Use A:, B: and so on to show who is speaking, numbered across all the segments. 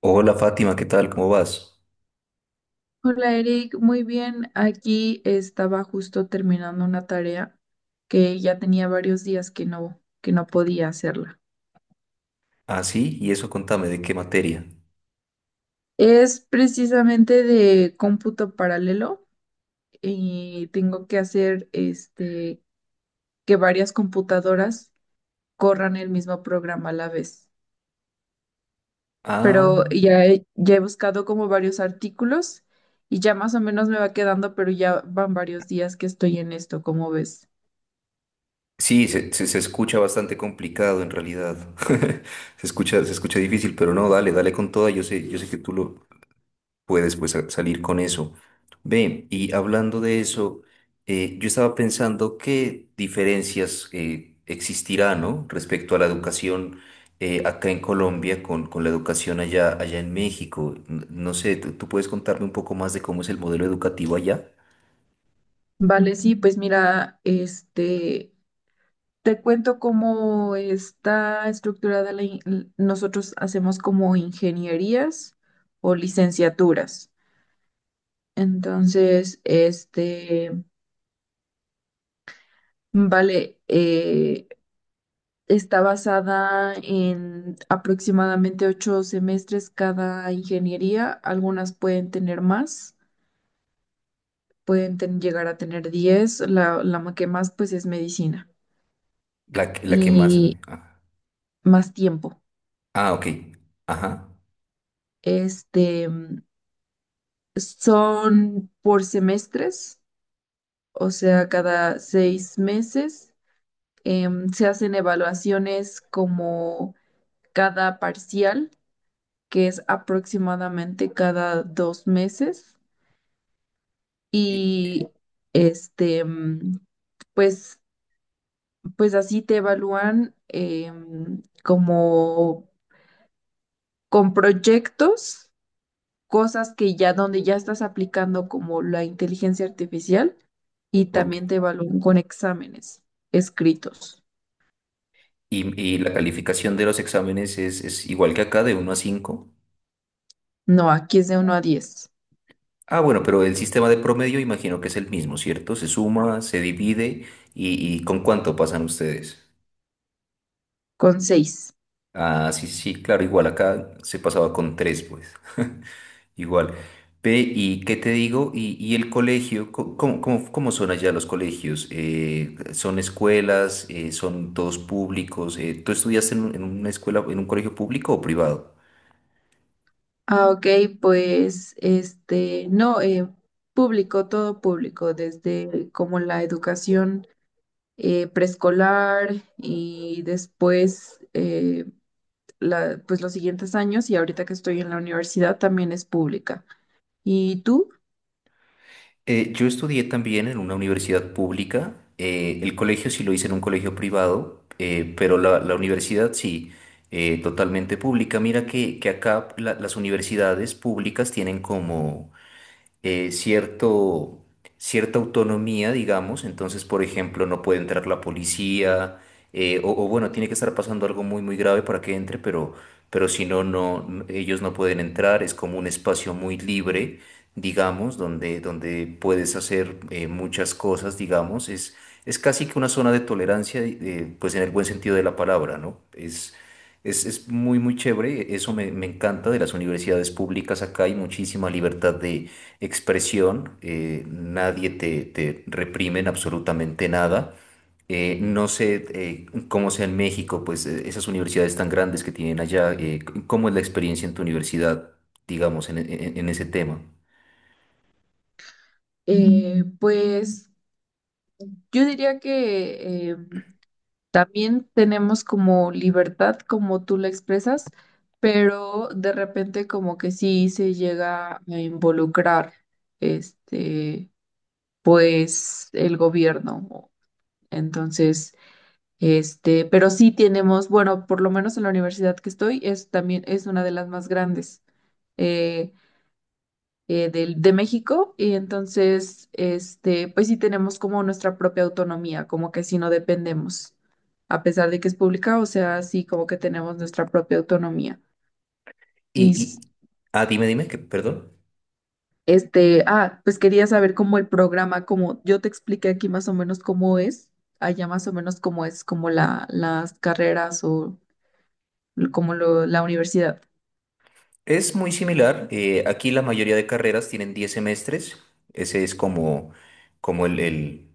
A: Hola Fátima, ¿qué tal? ¿Cómo vas?
B: Hola Eric, muy bien. Aquí estaba justo terminando una tarea que ya tenía varios días que no podía hacerla.
A: Ah, sí, y eso contame, ¿de qué materia?
B: Es precisamente de cómputo paralelo y tengo que hacer que varias computadoras corran el mismo programa a la vez.
A: Ah,
B: Pero ya he buscado como varios artículos y ya más o menos me va quedando, pero ya van varios días que estoy en esto, ¿como ves?
A: sí, se escucha bastante complicado en realidad. Se escucha difícil, pero no, dale, dale con toda. Yo sé que tú lo, puedes pues salir con eso. Ve, y hablando de eso, yo estaba pensando qué diferencias existirá, ¿no? Respecto a la educación acá en Colombia con la educación allá, en México. No sé, ¿tú puedes contarme un poco más de cómo es el modelo educativo allá?
B: Vale, sí, pues mira, te cuento cómo está estructurada nosotros hacemos como ingenierías o licenciaturas. Entonces, vale, está basada en aproximadamente 8 semestres cada ingeniería. Algunas pueden tener más, llegar a tener 10. Que más, pues, es medicina
A: La que más...
B: y
A: Ah,
B: más tiempo.
A: ah, ok. Ajá.
B: Este. Son por semestres, o sea, cada 6 meses se hacen evaluaciones como cada parcial, que es aproximadamente cada 2 meses.
A: Y,
B: Y este, mm, pues, pues así te evalúan como con proyectos, cosas que ya donde ya estás aplicando como la inteligencia artificial, y
A: ok.
B: también te evalúan con exámenes escritos.
A: Y la calificación de los exámenes es igual que acá, de uno a cinco.
B: No, aquí es de 1 a 10.
A: Ah, bueno, pero el sistema de promedio imagino que es el mismo, ¿cierto? Se suma, se divide y ¿con cuánto pasan ustedes?
B: Con 6.
A: Ah, sí, sí, sí, claro, igual acá se pasaba con tres, pues. Igual. Ve, ¿y qué te digo? ¿Y el colegio? ¿Cómo son allá los colegios? ¿Son escuelas? ¿Son todos públicos? ¿Tú estudiaste en una escuela, en un colegio público o privado?
B: Ah, ok, pues no, público, todo público, desde como la educación preescolar y después pues los siguientes años, y ahorita que estoy en la universidad también es pública. ¿Y tú?
A: Yo estudié también en una universidad pública. El colegio sí lo hice en un colegio privado, pero la universidad sí, totalmente pública. Mira que acá las universidades públicas tienen como cierto, cierta autonomía, digamos. Entonces, por ejemplo, no puede entrar la policía, o bueno, tiene que estar pasando algo muy, muy grave para que entre, pero si no, ellos no pueden entrar. Es como un espacio muy libre, digamos, donde, puedes hacer muchas cosas, digamos, es casi que una zona de tolerancia, pues en el buen sentido de la palabra, ¿no? Es muy, muy chévere. Eso me encanta de las universidades públicas acá, hay muchísima libertad de expresión, nadie te reprime en absolutamente nada. No sé cómo sea en México, pues esas universidades tan grandes que tienen allá. ¿Cómo es la experiencia en tu universidad, digamos, en, en ese tema?
B: Eh, pues Yo diría que también tenemos como libertad, como tú la expresas, pero de repente como que sí se llega a involucrar este, pues el gobierno. Entonces, pero sí tenemos, bueno, por lo menos en la universidad que estoy, es también es una de las más grandes. Eh, de México, y entonces, pues sí tenemos como nuestra propia autonomía, como que sí no dependemos, a pesar de que es pública, o sea, sí como que tenemos nuestra propia autonomía. Y
A: Y,
B: s-
A: y, ah, dime, dime, que, perdón.
B: ah, pues quería saber cómo el programa, como yo te expliqué aquí más o menos cómo es, allá más o menos cómo es, como las carreras o como la universidad.
A: Es muy similar. Aquí la mayoría de carreras tienen 10 semestres. Ese es como el, el-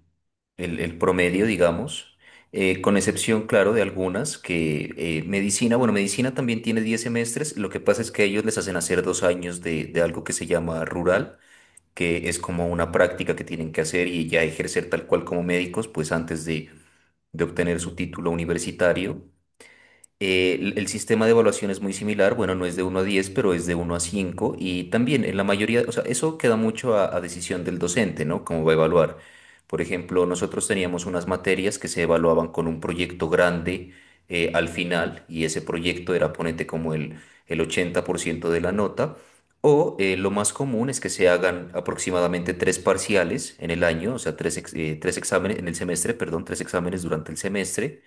A: el, el promedio, digamos, con excepción, claro, de algunas que medicina, bueno, medicina también tiene 10 semestres. Lo que pasa es que a ellos les hacen hacer 2 años de, algo que se llama rural, que es como una práctica que tienen que hacer y ya ejercer tal cual como médicos, pues antes de obtener su título universitario. El sistema de evaluación es muy similar. Bueno, no es de uno a diez, pero es de uno a cinco, y también en la mayoría, o sea, eso queda mucho a, decisión del docente, ¿no? Cómo va a evaluar. Por ejemplo, nosotros teníamos unas materias que se evaluaban con un proyecto grande al final, y ese proyecto era, ponete, como el 80% de la nota. O lo más común es que se hagan aproximadamente tres parciales en el año, o sea, tres exámenes en el semestre, perdón, tres exámenes durante el semestre.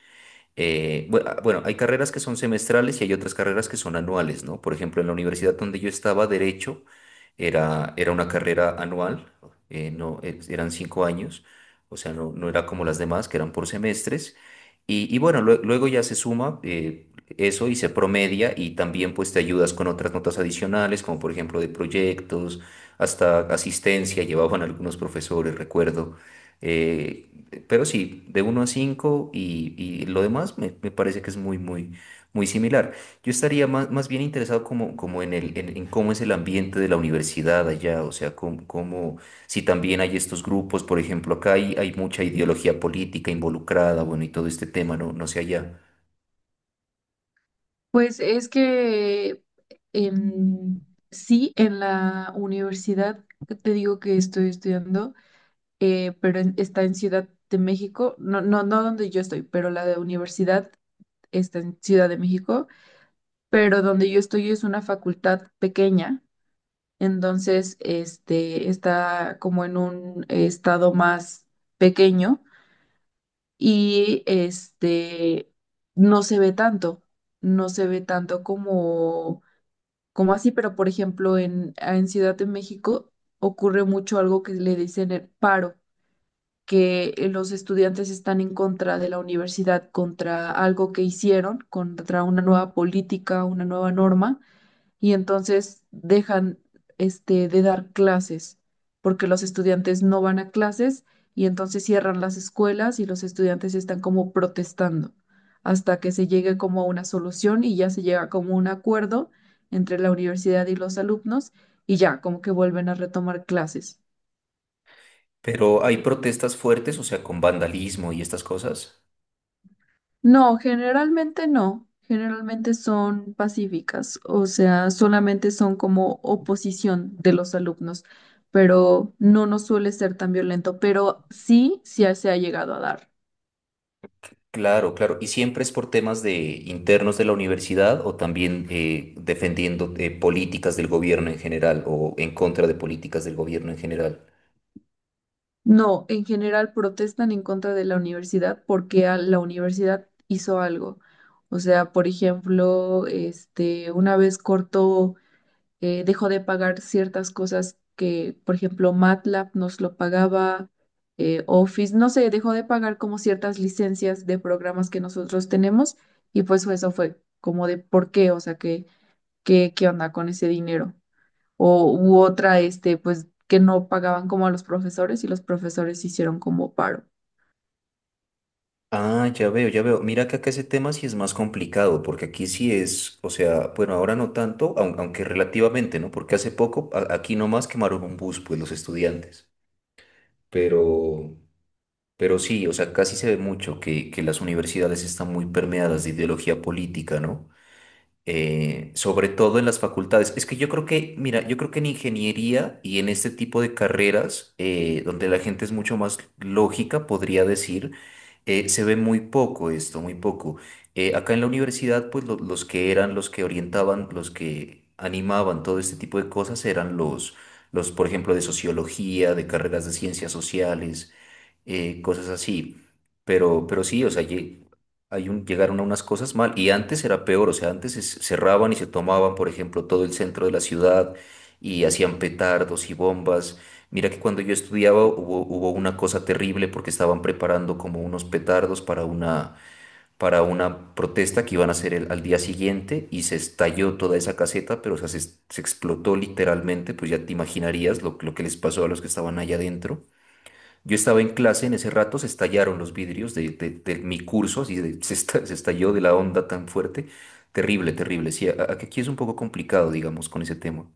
A: Bueno, hay carreras que son semestrales y hay otras carreras que son anuales, ¿no? Por ejemplo, en la universidad donde yo estaba, Derecho, era una carrera anual. No, eran 5 años, o sea, no era como las demás, que eran por semestres. Y bueno, luego ya se suma eso y se promedia, y también pues te ayudas con otras notas adicionales, como por ejemplo de proyectos, hasta asistencia, llevaban algunos profesores, recuerdo. eh, pero sí, de uno a cinco, y lo demás me parece que es muy, muy, muy similar. Yo estaría más bien interesado como, en el, en cómo es el ambiente de la universidad allá, o sea, si también hay estos grupos. Por ejemplo, acá hay mucha ideología política involucrada, bueno, y todo este tema, no sé allá.
B: Pues es que em, sí, en la universidad que te digo que estoy estudiando, está en Ciudad de México, no donde yo estoy, pero la de universidad está en Ciudad de México, pero donde yo estoy es una facultad pequeña, entonces está como en un estado más pequeño, y no se ve tanto, no se ve tanto como como así. Pero por ejemplo en Ciudad de México ocurre mucho algo que le dicen el paro, que los estudiantes están en contra de la universidad, contra algo que hicieron, contra una nueva política, una nueva norma, y entonces dejan de dar clases porque los estudiantes no van a clases, y entonces cierran las escuelas y los estudiantes están como protestando hasta que se llegue como a una solución y ya se llega como a un acuerdo entre la universidad y los alumnos, y ya como que vuelven a retomar clases.
A: Pero hay protestas fuertes, o sea, ¿con vandalismo y estas cosas?
B: No, generalmente no. Generalmente son pacíficas, o sea, solamente son como oposición de los alumnos, pero no nos suele ser tan violento, pero se ha llegado a dar.
A: Claro, claro. ¿Y siempre es por temas de internos de la universidad, o también defendiendo políticas del gobierno en general, o en contra de políticas del gobierno en general?
B: No, en general protestan en contra de la universidad porque la universidad hizo algo. O sea, por ejemplo, una vez cortó, dejó de pagar ciertas cosas que, por ejemplo, MATLAB nos lo pagaba, Office, no sé, dejó de pagar como ciertas licencias de programas que nosotros tenemos, y pues eso fue como de por qué, o sea, qué onda con ese dinero. O u otra, pues que no pagaban como a los profesores, y los profesores hicieron como paro.
A: Ah, ya veo, ya veo. Mira que acá ese tema sí es más complicado, porque aquí sí es, o sea, bueno, ahora no tanto, aunque relativamente, ¿no? Porque hace poco aquí nomás quemaron un bus, pues los estudiantes. Pero, pero sí, o sea, casi se ve mucho que las universidades están muy permeadas de ideología política, ¿no? Sobre todo en las facultades. Es que yo creo que, mira, yo creo que en ingeniería y en este tipo de carreras, donde la gente es mucho más lógica, podría decir, se ve muy poco esto, muy poco. Acá en la universidad, pues los que eran, los que orientaban, los que animaban todo este tipo de cosas eran los, por ejemplo, de sociología, de carreras de ciencias sociales, cosas así. Pero sí, o sea, llegaron a unas cosas mal. Y antes era peor, o sea, antes cerraban y se tomaban, por ejemplo, todo el centro de la ciudad, y hacían petardos y bombas. Mira que cuando yo estudiaba hubo, una cosa terrible, porque estaban preparando como unos petardos para una protesta que iban a hacer al día siguiente, y se estalló toda esa caseta. Pero o sea, se, explotó literalmente, pues ya te imaginarías lo que les pasó a los que estaban allá adentro. Yo estaba en clase, en ese rato se estallaron los vidrios de, de mi curso, así se, se estalló de la onda tan fuerte. Terrible, terrible. Sí, aquí es un poco complicado, digamos, con ese tema.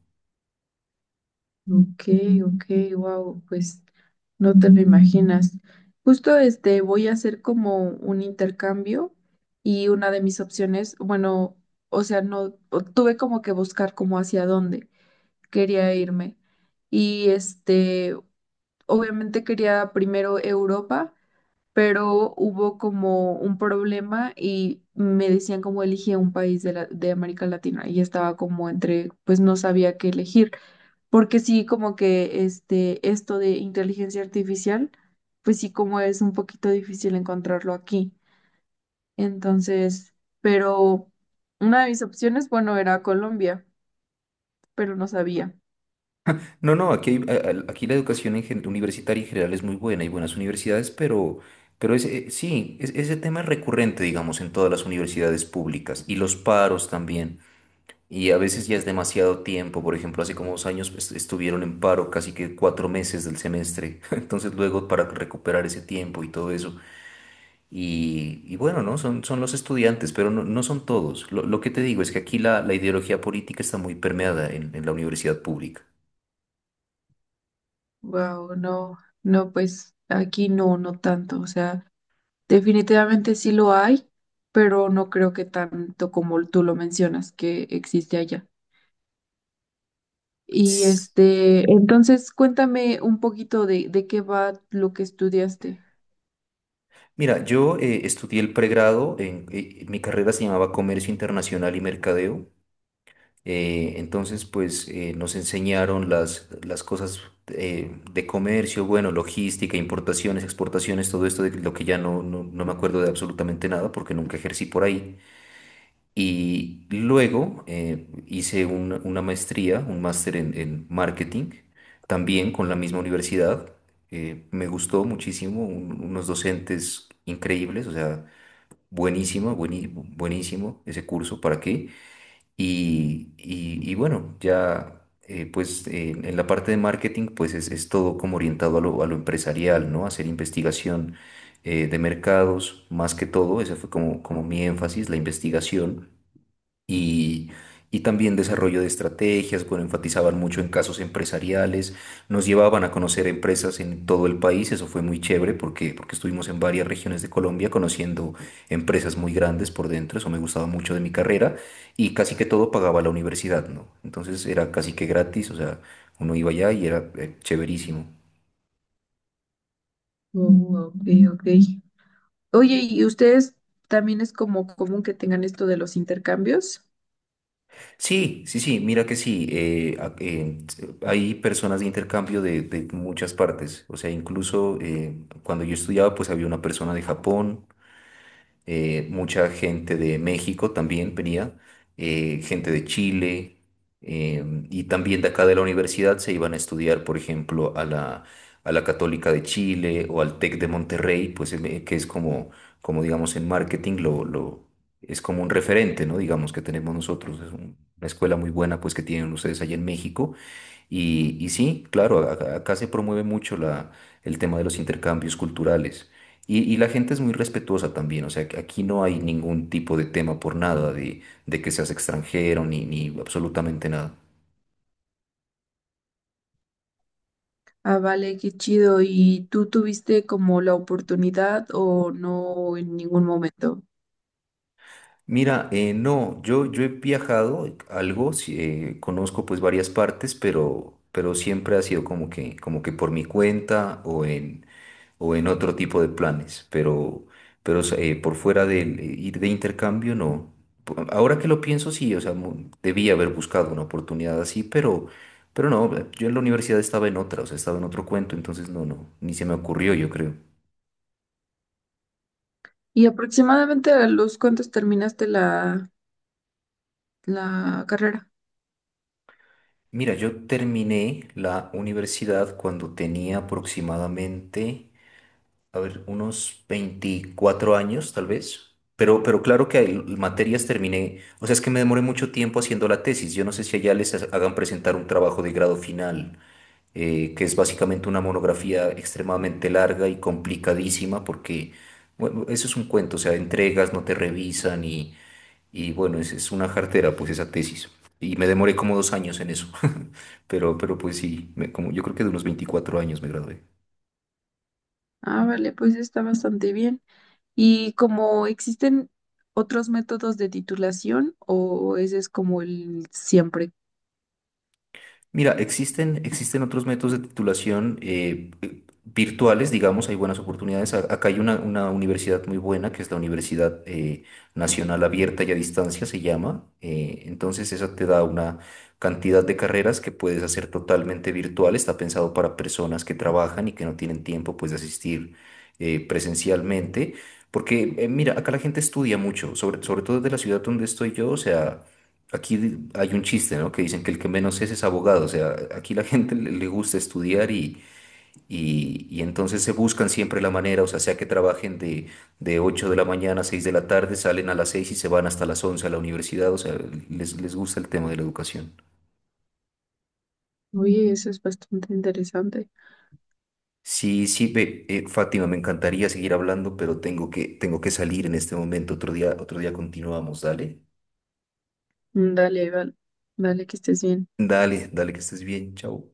B: Ok, ok, wow, pues no te lo imaginas. Justo voy a hacer como un intercambio, y una de mis opciones, bueno, o sea, no o- tuve como que buscar como hacia dónde quería irme. Y obviamente quería primero Europa, pero hubo como un problema y me decían como elige un país de América Latina, y estaba como entre, pues no sabía qué elegir. Porque sí, como que esto de inteligencia artificial, pues sí, como es un poquito difícil encontrarlo aquí. Entonces, pero una de mis opciones, bueno, era Colombia, pero no sabía.
A: No, no, aquí, hay- a- aquí la educación en universitaria en general es muy buena, hay buenas universidades, pero ese tema es recurrente, digamos, en todas las universidades públicas, y los paros también. Y a veces ya es demasiado tiempo. Por ejemplo, hace como 2 años, pues, estuvieron en paro casi que 4 meses del semestre, entonces luego para recuperar ese tiempo y todo eso. Y bueno, ¿no? Son, los estudiantes, pero no, son todos. lo que te digo es que aquí la, ideología política está muy permeada en la universidad pública.
B: Wow, no, no, pues aquí no, no tanto. O sea, definitivamente sí lo hay, pero no creo que tanto como tú lo mencionas que existe allá. Y
A: Ss.
B: entonces cuéntame un poquito de qué va lo que estudiaste.
A: Mira, yo estudié el pregrado, mi carrera se llamaba Comercio Internacional y Mercadeo. Entonces, pues nos enseñaron las cosas de comercio, bueno, logística, importaciones, exportaciones, todo esto de lo que ya no, no me acuerdo de absolutamente nada, porque nunca ejercí por ahí. Y luego hice una, maestría, un máster en marketing, también con la misma universidad. Me gustó muchísimo, unos docentes increíbles, o sea, buenísimo, buenísimo ese curso, ¿para qué? Y bueno, ya pues en la parte de marketing pues es, todo como orientado a lo empresarial, ¿no? Hacer investigación de mercados, más que todo. Ese fue como mi énfasis, la investigación, y, y también desarrollo de estrategias. Bueno, enfatizaban mucho en casos empresariales, nos llevaban a conocer empresas en todo el país. Eso fue muy chévere, porque estuvimos en varias regiones de Colombia conociendo empresas muy grandes por dentro. Eso me gustaba mucho de mi carrera, y casi que todo pagaba la universidad, ¿no? Entonces era casi que gratis, o sea, uno iba allá y era chéverísimo.
B: Oh, ok, ok. Oye, ¿y ustedes también es como común que tengan esto de los intercambios?
A: Sí, sí, sí, mira que sí. Hay personas de intercambio de, muchas partes, o sea, incluso cuando yo estudiaba, pues había una persona de Japón, mucha gente de México también venía, gente de Chile, eh, y también de acá de la universidad se iban a estudiar, por ejemplo, a la, Católica de Chile o al TEC de Monterrey, pues que es como digamos, en marketing es como un referente, ¿no? Digamos que tenemos nosotros, es una escuela muy buena, pues, que tienen ustedes allá en México. Y sí, claro, acá se promueve mucho el tema de los intercambios culturales. Y la gente es muy respetuosa también, o sea, que aquí no hay ningún tipo de tema por nada de, que seas extranjero, ni absolutamente nada.
B: Ah, vale, qué chido. ¿Y tú tuviste como la oportunidad o no en ningún momento?
A: Mira, no, yo he viajado algo, sí, conozco pues varias partes, pero, siempre ha sido como que por mi cuenta, o en otro tipo de planes. Pero por fuera de ir de intercambio, no. Ahora que lo pienso, sí, o sea, debía haber buscado una oportunidad así, pero no, yo en la universidad estaba en otra, o sea, estaba en otro cuento, entonces ni se me ocurrió, yo creo.
B: ¿Y aproximadamente a los cuántos terminaste la carrera?
A: Mira, yo terminé la universidad cuando tenía aproximadamente, a ver, unos 24 años tal vez. pero claro, que hay materias terminé, o sea, es que me demoré mucho tiempo haciendo la tesis. Yo no sé si allá les hagan presentar un trabajo de grado final, que es básicamente una monografía extremadamente larga y complicadísima, porque, bueno, eso es un cuento, o sea, entregas, no te revisan, y bueno, es, una jartera, pues esa tesis. Y me demoré como 2 años en eso, pero pues sí, como, yo creo que de unos 24 años me gradué.
B: Ah, vale, pues está bastante bien. ¿Y como existen otros métodos de titulación o ese es como el siempre?
A: Mira, existen, otros métodos de titulación, virtuales, digamos, hay buenas oportunidades. Acá hay una universidad muy buena, que es la Universidad Nacional Abierta y a Distancia, se llama. Entonces, esa te da una cantidad de carreras que puedes hacer totalmente virtual. Está pensado para personas que trabajan y que no tienen tiempo, pues, de asistir presencialmente. Porque, mira, acá la gente estudia mucho, sobre, todo desde la ciudad donde estoy yo, o sea... Aquí hay un chiste, ¿no? Que dicen que el que menos es abogado. O sea, aquí la gente le gusta estudiar, y entonces se buscan siempre la manera, o sea, sea que trabajen de 8 de la mañana a 6 de la tarde, salen a las 6 y se van hasta las 11 a la universidad. O sea, les, gusta el tema de la educación.
B: Oye, eso es bastante interesante.
A: Sí, sí, ve, Fátima, me encantaría seguir hablando, pero tengo que, salir en este momento. Otro día continuamos. Dale,
B: Mm, dale, Val. Dale, que estés bien.
A: dale, dale, que estés bien. Chao.